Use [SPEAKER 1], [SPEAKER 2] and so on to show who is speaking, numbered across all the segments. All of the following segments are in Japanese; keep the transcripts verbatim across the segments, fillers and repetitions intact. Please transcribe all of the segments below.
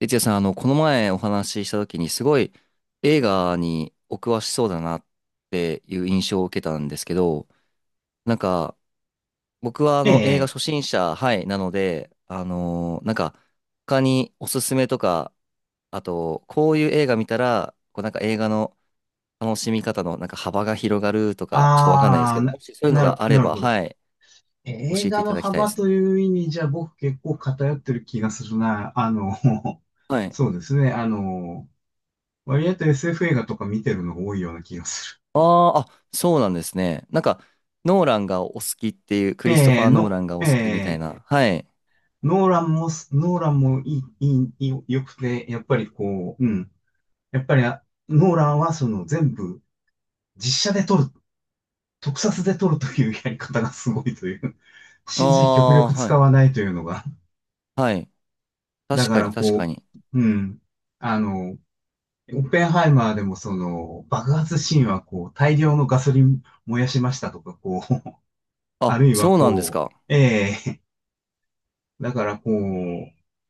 [SPEAKER 1] 哲也さん、あの、この前お話しした時に、すごい映画にお詳しそうだなっていう印象を受けたんですけど、なんか、僕はあ
[SPEAKER 2] え
[SPEAKER 1] の、映画
[SPEAKER 2] え、
[SPEAKER 1] 初心者、はい、なので、あのーなんか、他におすすめとか、あと、こういう映画見たら、こうなんか映画の楽しみ方のなんか幅が広がるとか、ちょっとわかんないです
[SPEAKER 2] あ
[SPEAKER 1] け
[SPEAKER 2] あ、
[SPEAKER 1] ど、
[SPEAKER 2] な、
[SPEAKER 1] もしそういうの
[SPEAKER 2] なる、
[SPEAKER 1] があれ
[SPEAKER 2] なる
[SPEAKER 1] ば、
[SPEAKER 2] ほど。
[SPEAKER 1] はい、教
[SPEAKER 2] 映
[SPEAKER 1] えてい
[SPEAKER 2] 画
[SPEAKER 1] た
[SPEAKER 2] の
[SPEAKER 1] だきたいで
[SPEAKER 2] 幅
[SPEAKER 1] す
[SPEAKER 2] と
[SPEAKER 1] ね。
[SPEAKER 2] いう意味じゃ僕結構偏ってる気がするな。あの、
[SPEAKER 1] は い。
[SPEAKER 2] そうですね。あの、割と エスエフ 映画とか見てるのが多いような気がす
[SPEAKER 1] あーあ、そうなんですね。なんか、ノーランがお好きっていう、ク
[SPEAKER 2] る。え
[SPEAKER 1] リストフ
[SPEAKER 2] え、
[SPEAKER 1] ァー・ノー
[SPEAKER 2] の、
[SPEAKER 1] ランがお
[SPEAKER 2] え
[SPEAKER 1] 好きみたい
[SPEAKER 2] え、
[SPEAKER 1] な。はい。
[SPEAKER 2] ノーランもす、ノーランもいい、いい、良くて、やっぱりこう、うん。やっぱりあ、ノーランはその全部実写で撮る、特撮で撮るというやり方がすごいという、
[SPEAKER 1] あ
[SPEAKER 2] シージー 極
[SPEAKER 1] あ、
[SPEAKER 2] 力
[SPEAKER 1] は
[SPEAKER 2] 使
[SPEAKER 1] い。
[SPEAKER 2] わないというのが
[SPEAKER 1] はい。
[SPEAKER 2] だ
[SPEAKER 1] 確
[SPEAKER 2] か
[SPEAKER 1] かに、
[SPEAKER 2] ら
[SPEAKER 1] 確か
[SPEAKER 2] こ
[SPEAKER 1] に。
[SPEAKER 2] う、うん。あの、オッペンハイマーでもその爆発シーンはこう大量のガソリン燃やしましたとかこう、
[SPEAKER 1] あ、
[SPEAKER 2] あるいは
[SPEAKER 1] そうなんです
[SPEAKER 2] こ
[SPEAKER 1] か。
[SPEAKER 2] う、ええだからこう、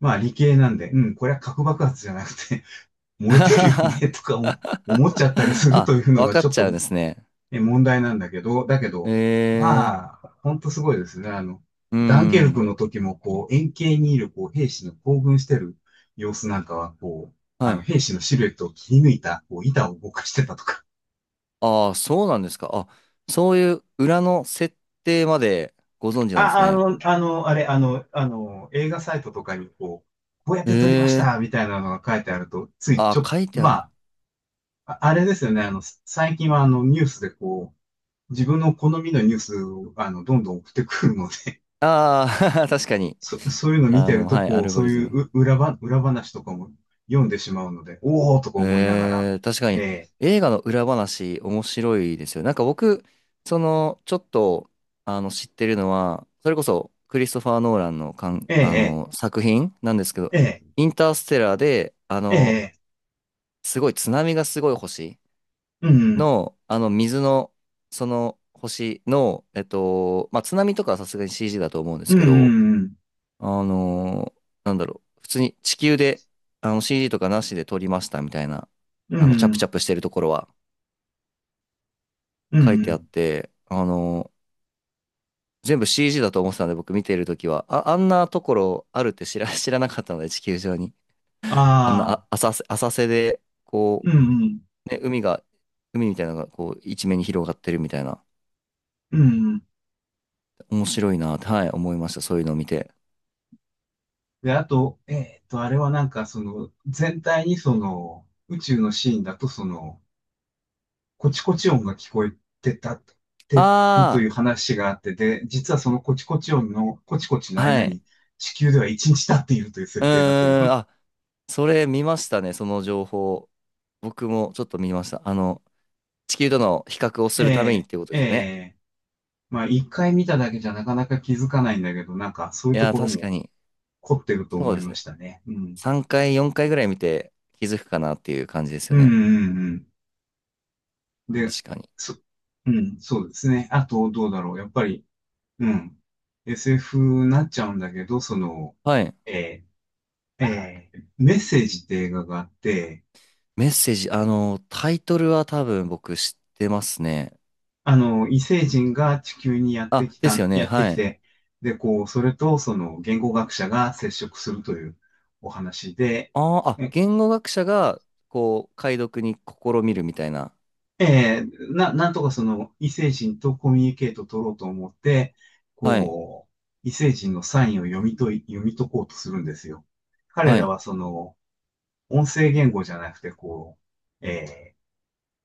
[SPEAKER 2] まあ理系なんで、うん、これは核爆発じゃなくて 燃えてるよね とか思思っちゃったりすると
[SPEAKER 1] あ、
[SPEAKER 2] いうの
[SPEAKER 1] わ
[SPEAKER 2] が
[SPEAKER 1] か
[SPEAKER 2] ち
[SPEAKER 1] っ
[SPEAKER 2] ょっ
[SPEAKER 1] ちゃうん
[SPEAKER 2] と
[SPEAKER 1] ですね。
[SPEAKER 2] え問題なんだけど、だけ
[SPEAKER 1] え
[SPEAKER 2] ど、
[SPEAKER 1] え、
[SPEAKER 2] まあ、ほんとすごいですね。あの、
[SPEAKER 1] う
[SPEAKER 2] ダンケルク
[SPEAKER 1] ん。
[SPEAKER 2] の時も、こう、円形にいる、こう、兵士の興奮してる様子なんかは、こう、あ
[SPEAKER 1] は
[SPEAKER 2] の、
[SPEAKER 1] い。
[SPEAKER 2] 兵士のシルエットを切り抜いた、こう、板を動かしてたとか。
[SPEAKER 1] ああ、そうなんですか。あ、そういう裏の設定までご存知なんで
[SPEAKER 2] あ、
[SPEAKER 1] す
[SPEAKER 2] あ
[SPEAKER 1] ね。
[SPEAKER 2] の、あの、あれ、あの、あの、映画サイトとかに、こう、こうやっ
[SPEAKER 1] え
[SPEAKER 2] て撮りまし
[SPEAKER 1] え、
[SPEAKER 2] た、みたいなのが書いてあると、ついち
[SPEAKER 1] あ
[SPEAKER 2] ょ、
[SPEAKER 1] 書いてある
[SPEAKER 2] ま
[SPEAKER 1] な。
[SPEAKER 2] あ、ああれですよね。あの、最近は、あの、ニュースで、こう、自分の好みのニュースを、あの、どんどん送ってくるので、
[SPEAKER 1] ああ、確かに。
[SPEAKER 2] そ、そういうの見て
[SPEAKER 1] あ
[SPEAKER 2] る
[SPEAKER 1] の、
[SPEAKER 2] と、
[SPEAKER 1] はい、ア
[SPEAKER 2] こう、
[SPEAKER 1] ルゴ
[SPEAKER 2] そう
[SPEAKER 1] リズ
[SPEAKER 2] い
[SPEAKER 1] ム。
[SPEAKER 2] うう裏ば、裏話とかも読んでしまうので、おーとか思いながら、
[SPEAKER 1] えー、確か
[SPEAKER 2] え
[SPEAKER 1] に
[SPEAKER 2] え、
[SPEAKER 1] 映画の裏話面白いですよ。なんか僕、その、ちょっと、あの、知ってるのは、それこそクリストファー・ノーランのかん、
[SPEAKER 2] え
[SPEAKER 1] あ
[SPEAKER 2] え、
[SPEAKER 1] の、作品なんですけど、
[SPEAKER 2] ええ、
[SPEAKER 1] インターステラーで、あ
[SPEAKER 2] え
[SPEAKER 1] の、
[SPEAKER 2] え、
[SPEAKER 1] すごい津波がすごい星
[SPEAKER 2] うん、
[SPEAKER 1] の、あの、水の、その星の、えっと、まあ、津波とかはさすがに シージー だと思うんです
[SPEAKER 2] うん、
[SPEAKER 1] けど、
[SPEAKER 2] うん、
[SPEAKER 1] あのーなんだろう、普通に地球で、あの シージー とかなしで撮りましたみたいな、
[SPEAKER 2] う
[SPEAKER 1] あ
[SPEAKER 2] ん、
[SPEAKER 1] の、チャ
[SPEAKER 2] う
[SPEAKER 1] プチ
[SPEAKER 2] ん、
[SPEAKER 1] ャプしてるところは
[SPEAKER 2] うん、
[SPEAKER 1] 書い
[SPEAKER 2] う
[SPEAKER 1] てあっ
[SPEAKER 2] ん
[SPEAKER 1] て、あのー全部 シージー だと思ってたんで、僕見てるときは、あ、あんなところあるって知ら、知らなかったので、地球上に。あんな、
[SPEAKER 2] ああ、
[SPEAKER 1] あ、浅瀬、浅瀬で、こ
[SPEAKER 2] うん、
[SPEAKER 1] う、ね、海が、海みたいなのが、こう、一面に広がってるみたいな。
[SPEAKER 2] うん、うん。
[SPEAKER 1] 面白いなって、はい、思いました。そういうのを見て。
[SPEAKER 2] で、あと、えーっと、あれはなんか、その、全体にその、宇宙のシーンだと、その、コチコチ音が聞こえてた、てるとい
[SPEAKER 1] あ
[SPEAKER 2] う話があって、で、実はそのコチコチ音のコチコチの
[SPEAKER 1] あ、は
[SPEAKER 2] 間
[SPEAKER 1] い。
[SPEAKER 2] に地球ではいちにち経っているという
[SPEAKER 1] う
[SPEAKER 2] 設定だという。
[SPEAKER 1] ーん、あ、それ見ましたね、その情報。僕もちょっと見ました。あの、地球との比較を
[SPEAKER 2] え
[SPEAKER 1] するためにっ
[SPEAKER 2] え、
[SPEAKER 1] ていうことで
[SPEAKER 2] え
[SPEAKER 1] すよね。
[SPEAKER 2] え、まあ一回見ただけじゃなかなか気づかないんだけど、なんかそうい
[SPEAKER 1] い
[SPEAKER 2] うと
[SPEAKER 1] やー、
[SPEAKER 2] ころ
[SPEAKER 1] 確か
[SPEAKER 2] も
[SPEAKER 1] に。
[SPEAKER 2] 凝ってると
[SPEAKER 1] そう
[SPEAKER 2] 思い
[SPEAKER 1] です
[SPEAKER 2] ま
[SPEAKER 1] ね。
[SPEAKER 2] したね。うん。
[SPEAKER 1] さんかい、よんかいぐらい見て気づくかなっていう感じです
[SPEAKER 2] う
[SPEAKER 1] よ
[SPEAKER 2] ん、う
[SPEAKER 1] ね。
[SPEAKER 2] ん、うん。で、
[SPEAKER 1] 確かに。
[SPEAKER 2] そ、うん、そうですね。あと、どうだろう。やっぱり、うん。エスエフ になっちゃうんだけど、その、
[SPEAKER 1] はい。
[SPEAKER 2] えーえーメッセージって映画があって、
[SPEAKER 1] メッセージ、あの、タイトルは多分僕知ってますね。
[SPEAKER 2] あの、異星人が地球にやって
[SPEAKER 1] あ、
[SPEAKER 2] き
[SPEAKER 1] です
[SPEAKER 2] た、
[SPEAKER 1] よね。
[SPEAKER 2] やって
[SPEAKER 1] は
[SPEAKER 2] き
[SPEAKER 1] い。
[SPEAKER 2] て、で、こう、それとその言語学者が接触するというお話で、
[SPEAKER 1] あーあ、
[SPEAKER 2] え、
[SPEAKER 1] 言語学者が、こう、解読に試みるみたいな。
[SPEAKER 2] えーな、なんとかその異星人とコミュニケートを取ろうと思って、
[SPEAKER 1] はい。
[SPEAKER 2] こう、異星人のサインを読み解い、読み解こうとするんですよ。彼
[SPEAKER 1] は
[SPEAKER 2] ら
[SPEAKER 1] い。
[SPEAKER 2] はその、音声言語じゃなくて、こう、えー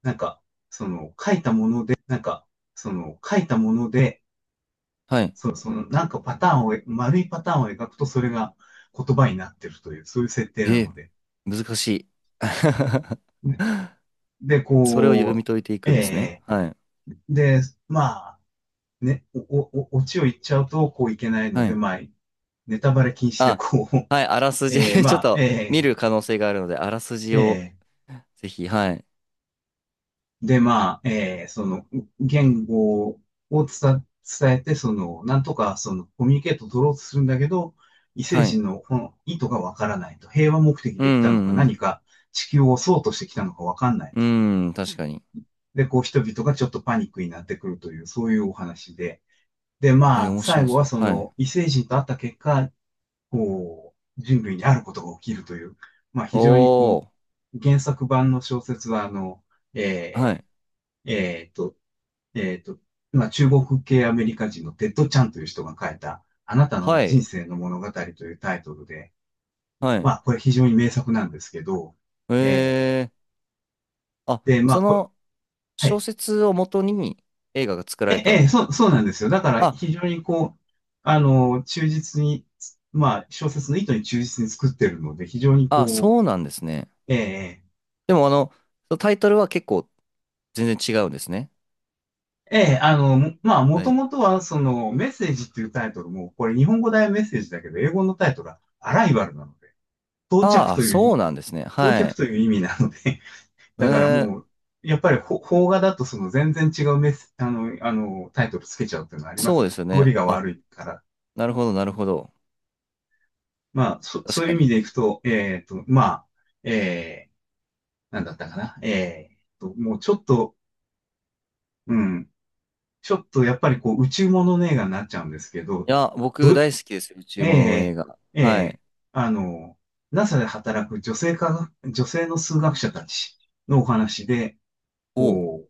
[SPEAKER 2] なんか、その、書いたもの、なんか、その、書いたもので、
[SPEAKER 1] はい。
[SPEAKER 2] そう、その、なんかパターンを、丸いパターンを描くと、それが言葉になってるという、そういう設定な
[SPEAKER 1] えー、
[SPEAKER 2] ので。
[SPEAKER 1] 難しい。
[SPEAKER 2] ね で、
[SPEAKER 1] それを読
[SPEAKER 2] こ
[SPEAKER 1] み
[SPEAKER 2] う、
[SPEAKER 1] 解いてい
[SPEAKER 2] え
[SPEAKER 1] くんですね。
[SPEAKER 2] え
[SPEAKER 1] はい。
[SPEAKER 2] で、まあ、ね、お、お、お、オチを言っちゃうとこういけないの
[SPEAKER 1] は
[SPEAKER 2] で、
[SPEAKER 1] い。
[SPEAKER 2] まあ、ネタバレ禁止で、
[SPEAKER 1] あ、
[SPEAKER 2] こう、
[SPEAKER 1] はい。あら すじ
[SPEAKER 2] ええ
[SPEAKER 1] ちょっ
[SPEAKER 2] まあ、
[SPEAKER 1] と見
[SPEAKER 2] え
[SPEAKER 1] る
[SPEAKER 2] え
[SPEAKER 1] 可能性があるので、あらすじを
[SPEAKER 2] ええ
[SPEAKER 1] ぜひ。はい。
[SPEAKER 2] で、まあ、えーその、言語を伝、伝えて、その、なんとか、その、コミュニケートを取ろうとするんだけど、異星
[SPEAKER 1] はい。
[SPEAKER 2] 人のこの意図がわからないと。平和目的
[SPEAKER 1] う
[SPEAKER 2] で来たのか、
[SPEAKER 1] んう
[SPEAKER 2] 何
[SPEAKER 1] ん
[SPEAKER 2] か地球を襲おうとしてきたのかわかんない
[SPEAKER 1] う
[SPEAKER 2] と。
[SPEAKER 1] ん。うん、確かに。
[SPEAKER 2] で、こう、人々がちょっとパニックになってくるという、そういうお話で。で、
[SPEAKER 1] え
[SPEAKER 2] ま
[SPEAKER 1] ー、
[SPEAKER 2] あ、
[SPEAKER 1] 面
[SPEAKER 2] 最
[SPEAKER 1] 白
[SPEAKER 2] 後は
[SPEAKER 1] そう。
[SPEAKER 2] そ
[SPEAKER 1] はい。
[SPEAKER 2] の、異星人と会った結果、こう、人類にあることが起きるという、まあ、非常にこ
[SPEAKER 1] おー。
[SPEAKER 2] う、原作版の小説は、あの、
[SPEAKER 1] は
[SPEAKER 2] え
[SPEAKER 1] い。
[SPEAKER 2] ーえーっと、えっと、まあ、中国系アメリカ人のテッド・チャンという人が書いた、あなたの
[SPEAKER 1] は
[SPEAKER 2] 人
[SPEAKER 1] い。
[SPEAKER 2] 生の物語というタイトルで、
[SPEAKER 1] はい。
[SPEAKER 2] まあ、これ非常に名作なんですけど、え
[SPEAKER 1] えー。あ、
[SPEAKER 2] ー、で、まあ、
[SPEAKER 1] そ
[SPEAKER 2] これ、
[SPEAKER 1] の
[SPEAKER 2] は
[SPEAKER 1] 小
[SPEAKER 2] い。
[SPEAKER 1] 説をもとに映画が作られた。
[SPEAKER 2] え、え、そう、そうなんですよ。だから
[SPEAKER 1] あ、
[SPEAKER 2] 非常にこう、あの、忠実に、まあ、小説の意図に忠実に作ってるので、非常に
[SPEAKER 1] あ、
[SPEAKER 2] こ
[SPEAKER 1] そうなんですね。
[SPEAKER 2] う、え
[SPEAKER 1] でもあの、タイトルは結構全然違うんですね。
[SPEAKER 2] ー、えー、あの、もまあ、も
[SPEAKER 1] だ
[SPEAKER 2] と
[SPEAKER 1] いぶ
[SPEAKER 2] もとは、その、メッセージっていうタイトルも、これ日本語大メッセージだけど、英語のタイトルはアライバルなので、到着
[SPEAKER 1] ああ、
[SPEAKER 2] とい
[SPEAKER 1] そ
[SPEAKER 2] う
[SPEAKER 1] うなんですね。
[SPEAKER 2] 到
[SPEAKER 1] は
[SPEAKER 2] 着
[SPEAKER 1] い。
[SPEAKER 2] という意味なので、
[SPEAKER 1] え
[SPEAKER 2] だからも
[SPEAKER 1] ー
[SPEAKER 2] う、やっぱりほ邦画だとその全然違うメス、あの、あの、タイトルつけちゃうっていうのはありま
[SPEAKER 1] そ
[SPEAKER 2] す
[SPEAKER 1] うで
[SPEAKER 2] ね。
[SPEAKER 1] すよ
[SPEAKER 2] 通
[SPEAKER 1] ね。
[SPEAKER 2] りが
[SPEAKER 1] あ、
[SPEAKER 2] 悪いから。
[SPEAKER 1] なるほど、なるほど。
[SPEAKER 2] まあ、そ、
[SPEAKER 1] 確
[SPEAKER 2] そうい
[SPEAKER 1] か
[SPEAKER 2] う意
[SPEAKER 1] に。
[SPEAKER 2] 味
[SPEAKER 1] い
[SPEAKER 2] でいくと、えっと、まあ、えー、なんだったかな。えっと、もうちょっと、うん、ちょっとやっぱりこう、宇宙ものの映画になっちゃうんですけど、
[SPEAKER 1] や、僕
[SPEAKER 2] ど、
[SPEAKER 1] 大好きですよ、宇宙ものの映
[SPEAKER 2] え
[SPEAKER 1] 画。
[SPEAKER 2] ー、
[SPEAKER 1] は
[SPEAKER 2] えー、
[SPEAKER 1] い。
[SPEAKER 2] あの、NASA で働く女性科学、女性の数学者たちのお話で、
[SPEAKER 1] お、
[SPEAKER 2] こ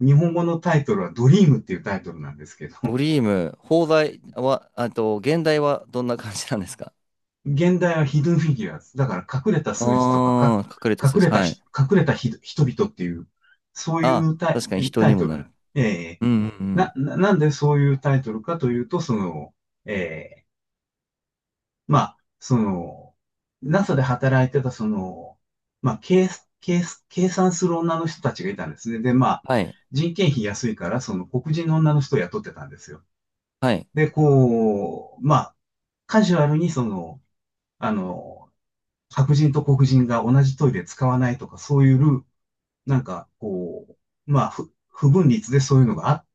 [SPEAKER 2] う、日本語のタイトルはドリームっていうタイトルなんですけど、
[SPEAKER 1] ドリーム、放題は、あと、現代はどんな感じなんですか
[SPEAKER 2] 現代はヒドゥンフィギュアーズ。だから隠れた数字とかか、
[SPEAKER 1] あー、隠れた数
[SPEAKER 2] 隠
[SPEAKER 1] 字。
[SPEAKER 2] れた
[SPEAKER 1] はい。
[SPEAKER 2] ひ、隠れたひ人々っていう、そうい
[SPEAKER 1] あ、
[SPEAKER 2] うタ
[SPEAKER 1] 確かに
[SPEAKER 2] イ
[SPEAKER 1] 人
[SPEAKER 2] タ
[SPEAKER 1] に
[SPEAKER 2] イト
[SPEAKER 1] も
[SPEAKER 2] ル
[SPEAKER 1] なる。
[SPEAKER 2] なえ
[SPEAKER 1] うんうんう
[SPEAKER 2] ーな、
[SPEAKER 1] ん。
[SPEAKER 2] な、んでそういうタイトルかというと、その、えーまあ、その、NASA で働いてた、その、まあ、計、計、計算する女の人たちがいたんですね。で、まあ、
[SPEAKER 1] はい。
[SPEAKER 2] 人件費安いから、その黒人の女の人を雇ってたんですよ。
[SPEAKER 1] はい。
[SPEAKER 2] で、こう、まあ、カジュアルにその、あの、白人と黒人が同じトイレ使わないとか、そういうルール、なんか、こう、まあ、不、不分立でそういうのがあ、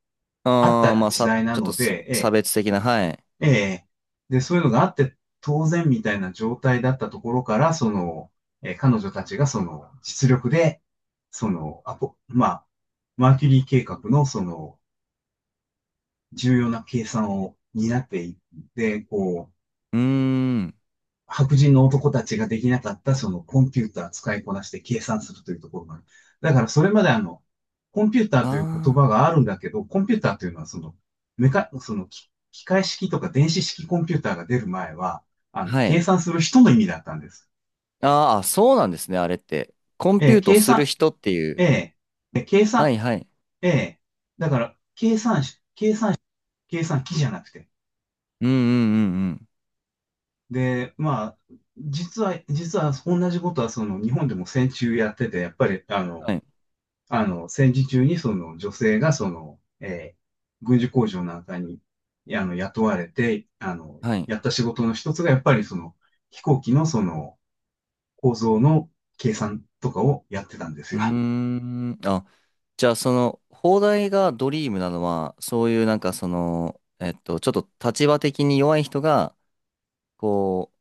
[SPEAKER 2] あっ
[SPEAKER 1] あー、
[SPEAKER 2] た
[SPEAKER 1] まあ、
[SPEAKER 2] 時
[SPEAKER 1] さ、
[SPEAKER 2] 代な
[SPEAKER 1] ちょっと
[SPEAKER 2] の
[SPEAKER 1] さ、差
[SPEAKER 2] で、
[SPEAKER 1] 別的な、はい。
[SPEAKER 2] ええ、ええ、で、そういうのがあって当然みたいな状態だったところから、その、えー彼女たちがその、実力で、その、アポ、まあ、マーキュリー計画のその、重要な計算を担っていって、こう、
[SPEAKER 1] うーん。
[SPEAKER 2] 白人の男たちができなかったそのコンピューター使いこなして計算するというところがある。だからそれまであの、コンピューターという言
[SPEAKER 1] あ
[SPEAKER 2] 葉があるんだけど、コンピューターというのはその、メカ、その機械式とか電子式コンピューターが出る前は、あ
[SPEAKER 1] ー、
[SPEAKER 2] の、
[SPEAKER 1] は
[SPEAKER 2] 計
[SPEAKER 1] い。
[SPEAKER 2] 算する人の意味だったんです。
[SPEAKER 1] あー、そうなんですね、あれって。コン
[SPEAKER 2] え
[SPEAKER 1] ピュ
[SPEAKER 2] ー
[SPEAKER 1] ート
[SPEAKER 2] 計
[SPEAKER 1] する
[SPEAKER 2] 算、
[SPEAKER 1] 人っていう。
[SPEAKER 2] えー計
[SPEAKER 1] は
[SPEAKER 2] 算、
[SPEAKER 1] いはい。
[SPEAKER 2] ええだから、計算し、計算機じゃなくて。
[SPEAKER 1] うんうんうんうん。
[SPEAKER 2] で、まあ、実は、実は同じことはその日本でも戦中やってて、やっぱり、あ
[SPEAKER 1] は
[SPEAKER 2] の、
[SPEAKER 1] い。
[SPEAKER 2] あの、戦時中にその女性がその、えー軍需工場なんかに、あの、雇われて、あの、
[SPEAKER 1] はい。
[SPEAKER 2] やった仕事の一つがやっぱりその、飛行機のその、構造の計算とかをやってたんです
[SPEAKER 1] うー
[SPEAKER 2] よ。
[SPEAKER 1] ん。あ、じゃあその、放題がドリームなのは、そういうなんかその、えっと、ちょっと立場的に弱い人が、こ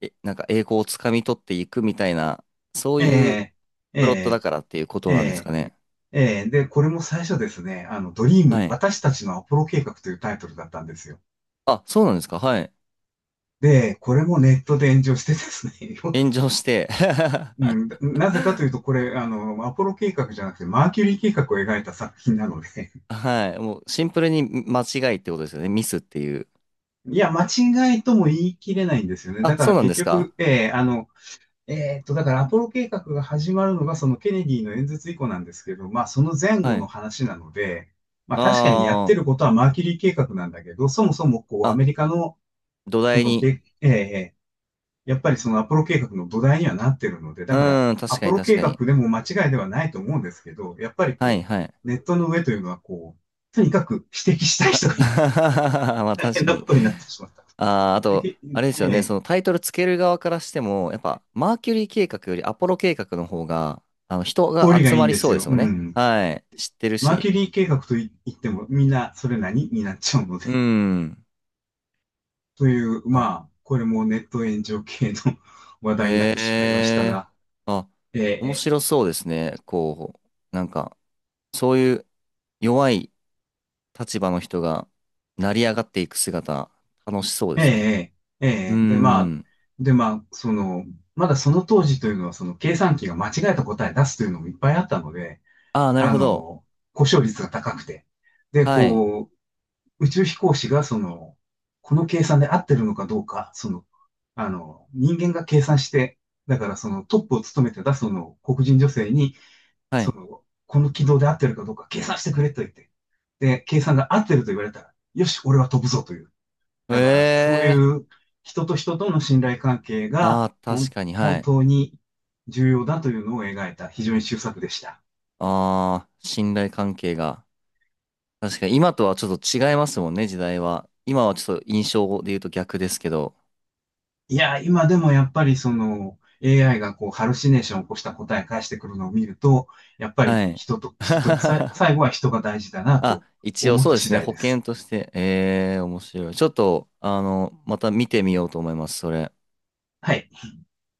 [SPEAKER 1] う、え、なんか栄光をつかみ取っていくみたいな、そういう
[SPEAKER 2] えー、
[SPEAKER 1] プロットだ
[SPEAKER 2] え
[SPEAKER 1] からっていうこ
[SPEAKER 2] ー、
[SPEAKER 1] となんです
[SPEAKER 2] え
[SPEAKER 1] かね。
[SPEAKER 2] ー、えー、で、これも最初ですね、あの、ドリーム、
[SPEAKER 1] はい。
[SPEAKER 2] 私たちのアポロ計画というタイトルだったんですよ。
[SPEAKER 1] あ、そうなんですか。はい。
[SPEAKER 2] で、これもネットで炎上してですね、
[SPEAKER 1] 炎上して
[SPEAKER 2] うん、なぜかというと、これ、あの、アポロ計画じゃなくて、マーキュリー計画を描いた作品なので、
[SPEAKER 1] はい。もうシンプルに間違いってことですよね。ミスっていう。
[SPEAKER 2] いや、間違いとも言い切れないんですよね。だ
[SPEAKER 1] あ、
[SPEAKER 2] か
[SPEAKER 1] そ
[SPEAKER 2] ら
[SPEAKER 1] うなん
[SPEAKER 2] 結
[SPEAKER 1] ですか
[SPEAKER 2] 局、えーあの、えーっと、だからアポロ計画が始まるのがそのケネディの演説以降なんですけど、まあその前
[SPEAKER 1] は
[SPEAKER 2] 後の
[SPEAKER 1] い。
[SPEAKER 2] 話なので、まあ確かにやっ
[SPEAKER 1] あ
[SPEAKER 2] てることはマーキュリー計画なんだけど、そもそもこ
[SPEAKER 1] あ、
[SPEAKER 2] うア
[SPEAKER 1] あ、
[SPEAKER 2] メリカの、
[SPEAKER 1] 土
[SPEAKER 2] そ
[SPEAKER 1] 台
[SPEAKER 2] の
[SPEAKER 1] に。
[SPEAKER 2] け、えーやっぱりそのアポロ計画の土台にはなってるので、
[SPEAKER 1] う
[SPEAKER 2] だから
[SPEAKER 1] ーん、
[SPEAKER 2] ア
[SPEAKER 1] 確か
[SPEAKER 2] ポ
[SPEAKER 1] に
[SPEAKER 2] ロ
[SPEAKER 1] 確
[SPEAKER 2] 計
[SPEAKER 1] か
[SPEAKER 2] 画
[SPEAKER 1] に。
[SPEAKER 2] でも間違いではないと思うんですけど、やっぱり
[SPEAKER 1] はい
[SPEAKER 2] こ
[SPEAKER 1] はい。
[SPEAKER 2] う、ネットの上というのはこう、とにかく指摘したい人が いっぱい
[SPEAKER 1] まあ
[SPEAKER 2] 大変
[SPEAKER 1] 確か
[SPEAKER 2] な
[SPEAKER 1] に。
[SPEAKER 2] ことになってしまった。
[SPEAKER 1] あー、あ
[SPEAKER 2] で
[SPEAKER 1] と、
[SPEAKER 2] け
[SPEAKER 1] あれです
[SPEAKER 2] え
[SPEAKER 1] よね、
[SPEAKER 2] え
[SPEAKER 1] そのタイトルつける側からしても、やっぱマーキュリー計画よりアポロ計画の方が、あの人
[SPEAKER 2] 通
[SPEAKER 1] が
[SPEAKER 2] りが
[SPEAKER 1] 集
[SPEAKER 2] いい
[SPEAKER 1] ま
[SPEAKER 2] ん
[SPEAKER 1] り
[SPEAKER 2] です
[SPEAKER 1] そうで
[SPEAKER 2] よ。
[SPEAKER 1] す
[SPEAKER 2] う
[SPEAKER 1] もんね。
[SPEAKER 2] ん。
[SPEAKER 1] はい。知ってる
[SPEAKER 2] マーキ
[SPEAKER 1] し。
[SPEAKER 2] ュリー計画と言っても、みんなそれ何になっちゃうので。
[SPEAKER 1] う ん。
[SPEAKER 2] という、
[SPEAKER 1] あ、
[SPEAKER 2] まあ、これもネット炎上系の 話題になっ
[SPEAKER 1] へ
[SPEAKER 2] てしまいました
[SPEAKER 1] え。
[SPEAKER 2] が、
[SPEAKER 1] あ、面
[SPEAKER 2] え
[SPEAKER 1] 白そうですね。こう、なんか、そういう弱い立場の人が成り上がっていく姿、楽しそう
[SPEAKER 2] ー、
[SPEAKER 1] ですね。
[SPEAKER 2] えー、えー、
[SPEAKER 1] う
[SPEAKER 2] えーで、まあ、
[SPEAKER 1] ん。
[SPEAKER 2] で、まあ、その、まだその当時というのは、その計算機が間違えた答え出すというのもいっぱいあったので、
[SPEAKER 1] ああ、なる
[SPEAKER 2] あ
[SPEAKER 1] ほど。
[SPEAKER 2] の、故障率が高くて、で、
[SPEAKER 1] はい。
[SPEAKER 2] こう、宇宙飛行士がその、この計算で合ってるのかどうか、その、あの、人間が計算して、だからそのトップを務めてたその黒人女性に、
[SPEAKER 1] は
[SPEAKER 2] そ
[SPEAKER 1] い。
[SPEAKER 2] の、この軌道で合ってるかどうか計算してくれと言って、で、計算が合ってると言われたら、よし、俺は飛ぶぞという。
[SPEAKER 1] へ
[SPEAKER 2] だから、そうい
[SPEAKER 1] え。
[SPEAKER 2] う人と人との信頼関係
[SPEAKER 1] あ
[SPEAKER 2] が、
[SPEAKER 1] あ、
[SPEAKER 2] ほ
[SPEAKER 1] 確
[SPEAKER 2] ん、
[SPEAKER 1] かに、は
[SPEAKER 2] 本
[SPEAKER 1] い。
[SPEAKER 2] 当に重要だというのを描いた非常に秀作でした。
[SPEAKER 1] ああ、信頼関係が。確かに、今とはちょっと違いますもんね、時代は。今はちょっと印象で言うと逆ですけど。
[SPEAKER 2] いや、今でもやっぱりその エーアイ がこうハルシネーションを起こした答え返してくるのを見ると、やっぱり
[SPEAKER 1] はい。
[SPEAKER 2] 人と、人と、さい 最後は人が大事だな
[SPEAKER 1] あ、
[SPEAKER 2] と
[SPEAKER 1] 一応
[SPEAKER 2] 思っ
[SPEAKER 1] そ
[SPEAKER 2] た
[SPEAKER 1] うで
[SPEAKER 2] 次
[SPEAKER 1] すね、
[SPEAKER 2] 第
[SPEAKER 1] 保
[SPEAKER 2] です。
[SPEAKER 1] 険として。ええ、面白い。ちょっと、あの、また見てみようと思います、それ。
[SPEAKER 2] はい。